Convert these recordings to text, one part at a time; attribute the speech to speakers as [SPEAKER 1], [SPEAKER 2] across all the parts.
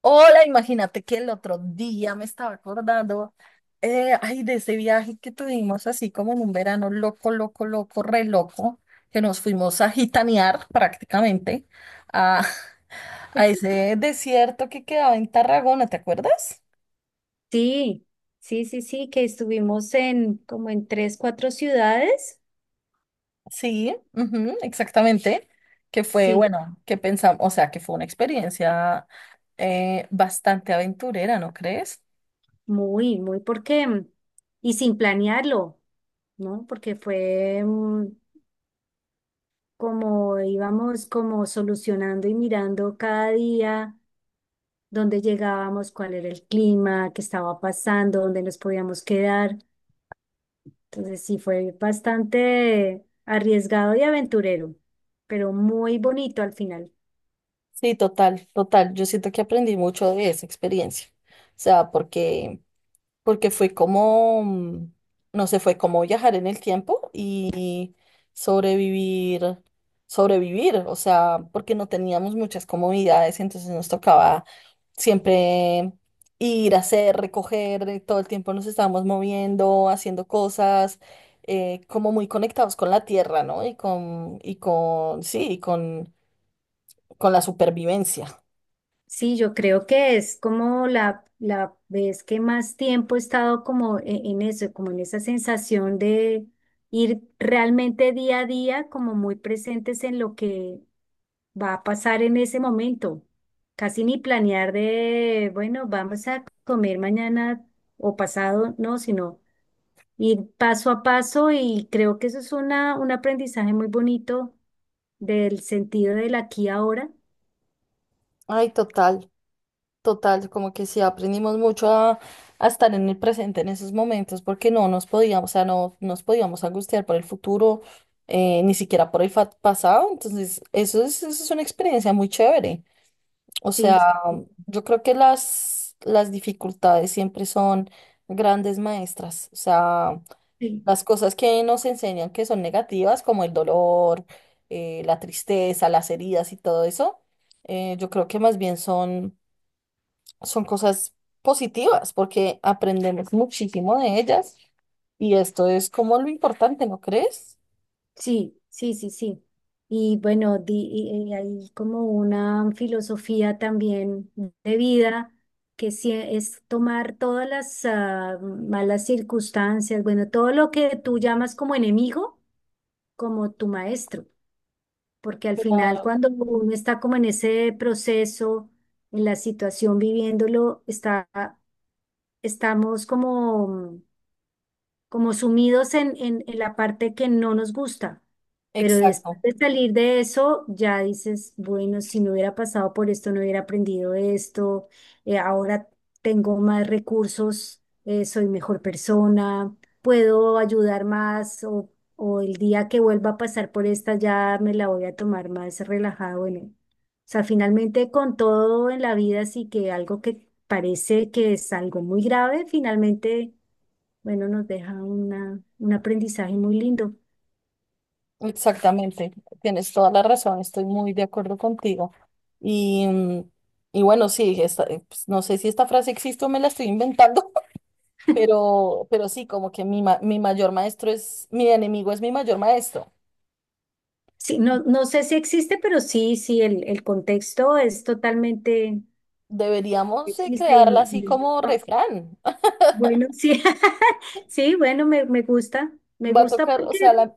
[SPEAKER 1] Hola, imagínate que el otro día me estaba acordando, de ese viaje que tuvimos así como en un verano loco, loco, loco, re loco, que nos fuimos a gitanear prácticamente a, a ese desierto que quedaba en Tarragona, ¿te acuerdas?
[SPEAKER 2] Sí, sí, sí, sí, que estuvimos en como en tres, cuatro ciudades.
[SPEAKER 1] Sí, ujú, exactamente, que fue,
[SPEAKER 2] Sí,
[SPEAKER 1] bueno, que pensamos, o sea, que fue una experiencia bastante aventurera, ¿no crees?
[SPEAKER 2] muy, muy porque, y sin planearlo, ¿no? Porque fue, como íbamos como solucionando y mirando cada día dónde llegábamos, cuál era el clima, qué estaba pasando, dónde nos podíamos quedar. Entonces sí fue bastante arriesgado y aventurero, pero muy bonito al final.
[SPEAKER 1] Sí, total, total. Yo siento que aprendí mucho de esa experiencia. O sea, porque fue como, no sé, fue como viajar en el tiempo y sobrevivir, sobrevivir. O sea, porque no teníamos muchas comodidades, entonces nos tocaba siempre ir a hacer, recoger, todo el tiempo nos estábamos moviendo, haciendo cosas, como muy conectados con la tierra, ¿no? Y con con la supervivencia.
[SPEAKER 2] Sí, yo creo que es como la vez que más tiempo he estado como en eso, como en esa sensación de ir realmente día a día, como muy presentes en lo que va a pasar en ese momento. Casi ni planear de, bueno, vamos a comer mañana o pasado, no, sino ir paso a paso y creo que eso es una, un aprendizaje muy bonito del sentido del aquí y ahora.
[SPEAKER 1] Ay, total, total, como que sí aprendimos mucho a estar en el presente en esos momentos, porque no nos podíamos, o sea, no nos podíamos angustiar por el futuro, ni siquiera por el pasado, entonces eso es una experiencia muy chévere. O
[SPEAKER 2] Sí,
[SPEAKER 1] sea, yo creo que las dificultades siempre son grandes maestras, o sea,
[SPEAKER 2] sí.
[SPEAKER 1] las cosas que nos enseñan que son negativas, como el dolor, la tristeza, las heridas y todo eso, yo creo que más bien son son cosas positivas porque aprendemos muchísimo de ellas y esto es como lo importante, ¿no crees?
[SPEAKER 2] Sí, sí, sí, sí. Y bueno, y hay como una filosofía también de vida que sí es tomar todas las malas circunstancias, bueno, todo lo que tú llamas como enemigo, como tu maestro, porque al final cuando uno está como en ese proceso, en la situación viviéndolo, está, estamos como como sumidos en la parte que no nos gusta. Pero después
[SPEAKER 1] Exacto,
[SPEAKER 2] de salir de eso, ya dices, bueno, si no hubiera pasado por esto, no hubiera aprendido esto, ahora tengo más recursos, soy mejor persona, puedo ayudar más o el día que vuelva a pasar por esta ya me la voy a tomar más relajada. Bueno, o sea, finalmente con todo en la vida, sí que algo que parece que es algo muy grave, finalmente bueno, nos deja una, un aprendizaje muy lindo.
[SPEAKER 1] exactamente. Tienes toda la razón, estoy muy de acuerdo contigo. Y, mm, y bueno, sí, pues, no sé si esta frase existe o me la estoy inventando, pero sí, como que mi mayor maestro es, mi enemigo es mi mayor maestro.
[SPEAKER 2] Sí, no, no sé si existe, pero sí, sí, el contexto es totalmente,
[SPEAKER 1] Deberíamos
[SPEAKER 2] existe y,
[SPEAKER 1] quedarla así como
[SPEAKER 2] ah,
[SPEAKER 1] refrán.
[SPEAKER 2] bueno, sí, sí, bueno, me
[SPEAKER 1] Va a
[SPEAKER 2] gusta
[SPEAKER 1] tocar, o sea,
[SPEAKER 2] porque,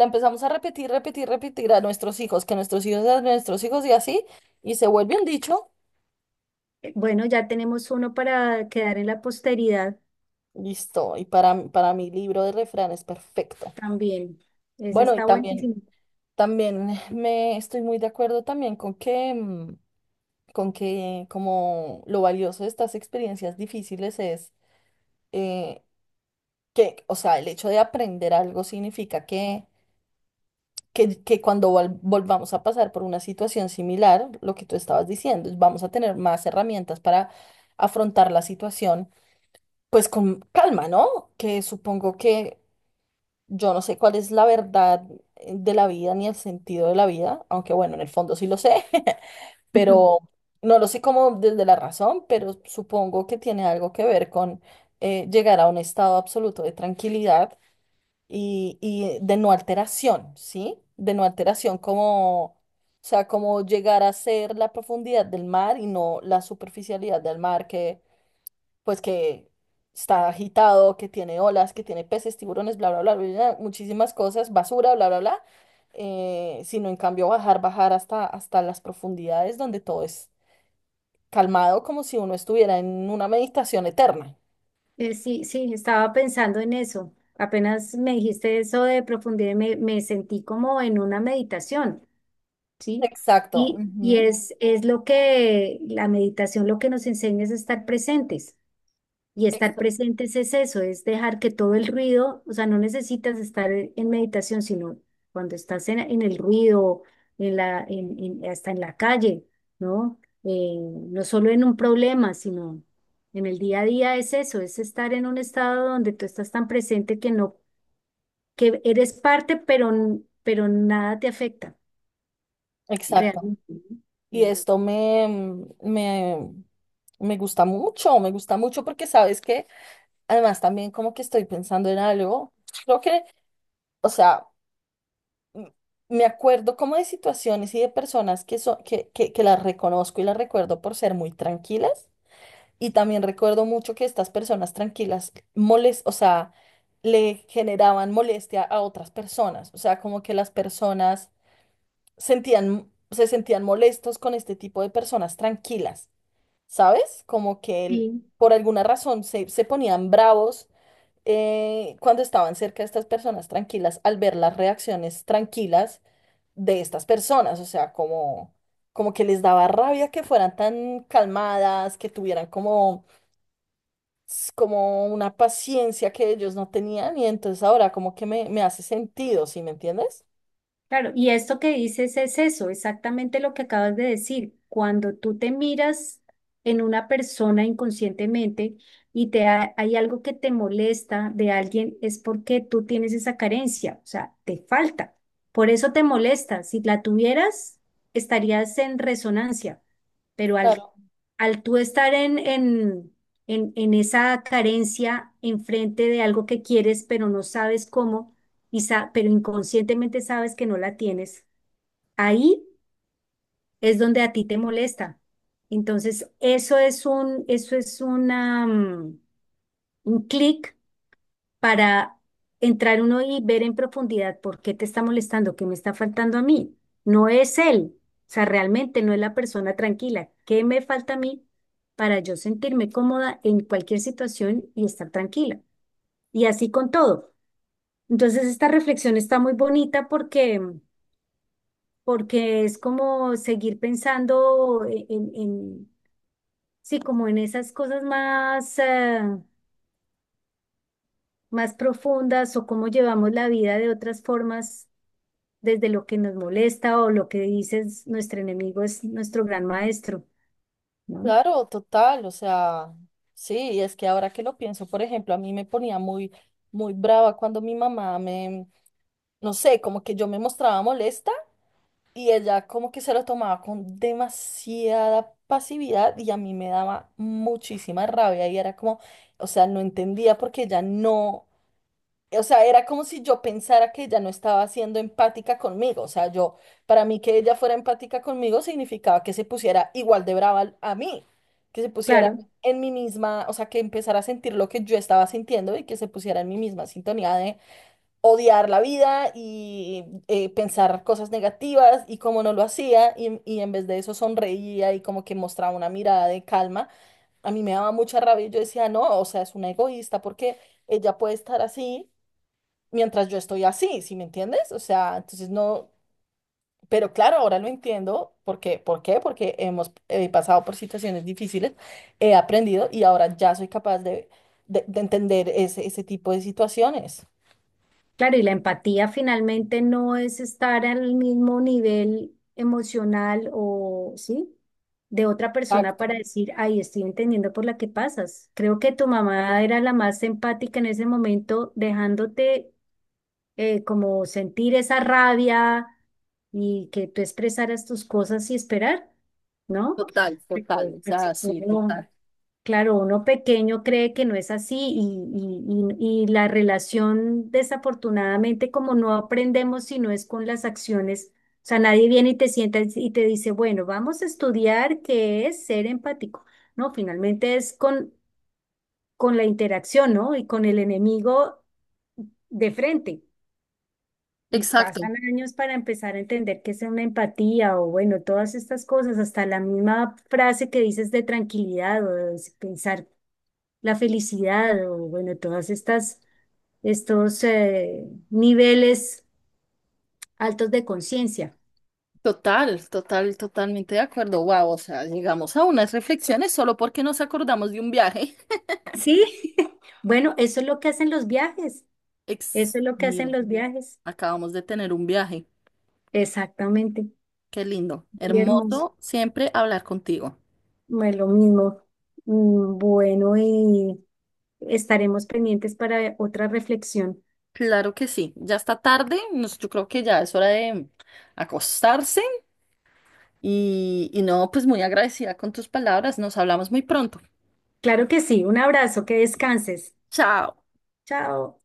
[SPEAKER 1] la empezamos a repetir, repetir, repetir a nuestros hijos, que nuestros hijos, a nuestros hijos y así, y se vuelve un dicho.
[SPEAKER 2] bueno, ya tenemos uno para quedar en la posteridad
[SPEAKER 1] Listo. Y para mi libro de refranes, perfecto.
[SPEAKER 2] también. Ese
[SPEAKER 1] Bueno, y
[SPEAKER 2] está buenísimo.
[SPEAKER 1] también, también me estoy muy de acuerdo también con que, con que como lo valioso de estas experiencias difíciles es eh, que, o sea, el hecho de aprender algo significa que que cuando volvamos a pasar por una situación similar, lo que tú estabas diciendo, vamos a tener más herramientas para afrontar la situación, pues con calma, ¿no? Que supongo que yo no sé cuál es la verdad de la vida ni el sentido de la vida, aunque bueno, en el fondo sí lo sé, pero no lo sé como desde la razón, pero supongo que tiene algo que ver con llegar a un estado absoluto de tranquilidad y de no alteración, ¿sí? De no alteración, como, o sea, como llegar a ser la profundidad del mar y no la superficialidad del mar que, pues, que está agitado, que tiene olas, que tiene peces, tiburones, bla, bla, bla, bla, bla, muchísimas cosas, basura, bla, bla, bla, sino en cambio bajar, bajar hasta, hasta las profundidades donde todo es calmado, como si uno estuviera en una meditación eterna.
[SPEAKER 2] Sí, sí, estaba pensando en eso. Apenas me dijiste eso de profundidad, me sentí como en una meditación. ¿Sí?
[SPEAKER 1] Exacto.
[SPEAKER 2] Y
[SPEAKER 1] Ujú,
[SPEAKER 2] es lo que la meditación lo que nos enseña es a estar presentes. Y estar
[SPEAKER 1] exa-
[SPEAKER 2] presentes es eso, es dejar que todo el ruido, o sea, no necesitas estar en meditación, sino cuando estás en el ruido, en la, hasta en la calle, ¿no? No solo en un problema, sino en el día a día es eso, es estar en un estado donde tú estás tan presente que no, que eres parte, pero, pero nada te afecta
[SPEAKER 1] exacto.
[SPEAKER 2] realmente.
[SPEAKER 1] Y
[SPEAKER 2] ¿No?
[SPEAKER 1] esto me, me gusta mucho porque sabes que además también como que estoy pensando en algo, creo que, o sea, m- me acuerdo como de situaciones y de personas que, son, que las reconozco y las recuerdo por ser muy tranquilas y también recuerdo mucho que estas personas tranquilas molest, o sea, le generaban molestia a otras personas, o sea, como que las personas sentían, se sentían molestos con este tipo de personas tranquilas. ¿Sabes? Como que él,
[SPEAKER 2] Sí,
[SPEAKER 1] por alguna razón se ponían bravos cuando estaban cerca de estas personas tranquilas al ver las reacciones tranquilas de estas personas, o sea, como, como que les daba rabia que fueran tan calmadas, que tuvieran como, como una paciencia que ellos no tenían y entonces ahora como que me hace sentido, ¿sí me entiendes?
[SPEAKER 2] claro. Y esto que dices es eso, exactamente lo que acabas de decir. Cuando tú te miras en una persona inconscientemente y te hay algo que te molesta de alguien, es porque tú tienes esa carencia, o sea, te falta. Por eso te molesta. Si la tuvieras, estarías en resonancia. Pero al,
[SPEAKER 1] Claro.
[SPEAKER 2] al tú estar en esa carencia enfrente de algo que quieres, pero no sabes cómo. Y pero inconscientemente sabes que no la tienes, ahí es donde a ti te molesta. Entonces, eso es un, eso es una, un clic para entrar uno y ver en profundidad por qué te está molestando, qué me está faltando a mí. No es él, o sea, realmente no es la persona tranquila. ¿Qué me falta a mí para yo sentirme cómoda en cualquier situación y estar tranquila? Y así con todo. Entonces, esta reflexión está muy bonita porque porque es como seguir pensando sí, como en esas cosas más, más profundas o cómo llevamos la vida de otras formas desde lo que nos molesta o lo que dices, nuestro enemigo es nuestro gran maestro, ¿no?
[SPEAKER 1] Claro, total, o sea, sí, y es que ahora que lo pienso, por ejemplo, a mí me ponía muy, muy brava cuando mi mamá me, no sé, como que yo me mostraba molesta y ella como que se lo tomaba con demasiada pasividad y a mí me daba muchísima rabia y era como, o sea, no entendía porque ella no o sea, era como si yo pensara que ella no estaba siendo empática conmigo. O sea, yo, para mí que ella fuera empática conmigo significaba que se pusiera igual de brava a mí, que se pusiera
[SPEAKER 2] Claro.
[SPEAKER 1] en mi misma, o sea, que empezara a sentir lo que yo estaba sintiendo y que se pusiera en mi misma sintonía de odiar la vida y pensar cosas negativas y como no lo hacía y en vez de eso sonreía y como que mostraba una mirada de calma. A mí me daba mucha rabia y yo decía, no, o sea, es una egoísta porque ella puede estar así mientras yo estoy así, ¿sí me entiendes? O sea, entonces no, pero claro, ahora lo entiendo, ¿por qué? ¿Por qué? Porque hemos pasado por situaciones difíciles, he aprendido y ahora ya soy capaz de de entender ese, ese tipo de situaciones.
[SPEAKER 2] Claro, y la empatía finalmente no es estar al mismo nivel emocional o, ¿sí? De otra persona
[SPEAKER 1] Exacto.
[SPEAKER 2] para decir, ay, estoy entendiendo por la que pasas. Creo que tu mamá era la más empática en ese momento, dejándote como sentir esa rabia y que tú expresaras tus cosas y esperar, ¿no? Porque, pues, tú no- Claro, uno pequeño cree que no es así y, y la relación, desafortunadamente, como no aprendemos si no es con las acciones, o sea, nadie viene y te sienta y te dice, bueno, vamos a estudiar qué es ser empático. No, finalmente es con la interacción, ¿no? Y con el enemigo de frente. Y
[SPEAKER 1] Exacto,
[SPEAKER 2] pasan años para empezar a entender qué es una empatía o, bueno, todas estas cosas, hasta la misma frase que dices de tranquilidad o de pensar la felicidad o bueno, todas estas, estos niveles altos de conciencia.
[SPEAKER 1] total, total, totalmente de acuerdo. Wow, o sea, llegamos a unas reflexiones solo porque nos acordamos de un viaje.
[SPEAKER 2] Sí, bueno, eso es lo que hacen los viajes, eso
[SPEAKER 1] Ex,
[SPEAKER 2] es lo que hacen
[SPEAKER 1] mira,
[SPEAKER 2] los viajes,
[SPEAKER 1] acabamos de tener un viaje.
[SPEAKER 2] exactamente,
[SPEAKER 1] Qué lindo,
[SPEAKER 2] muy hermoso,
[SPEAKER 1] hermoso siempre hablar contigo.
[SPEAKER 2] bueno, lo mismo. Bueno, y estaremos pendientes para otra reflexión.
[SPEAKER 1] Claro que sí, ya está tarde, nos- yo creo que ya es hora de acostarse y no, pues muy agradecida con tus palabras, nos hablamos muy pronto.
[SPEAKER 2] Claro que sí, un abrazo, que descanses.
[SPEAKER 1] Chao.
[SPEAKER 2] Chao.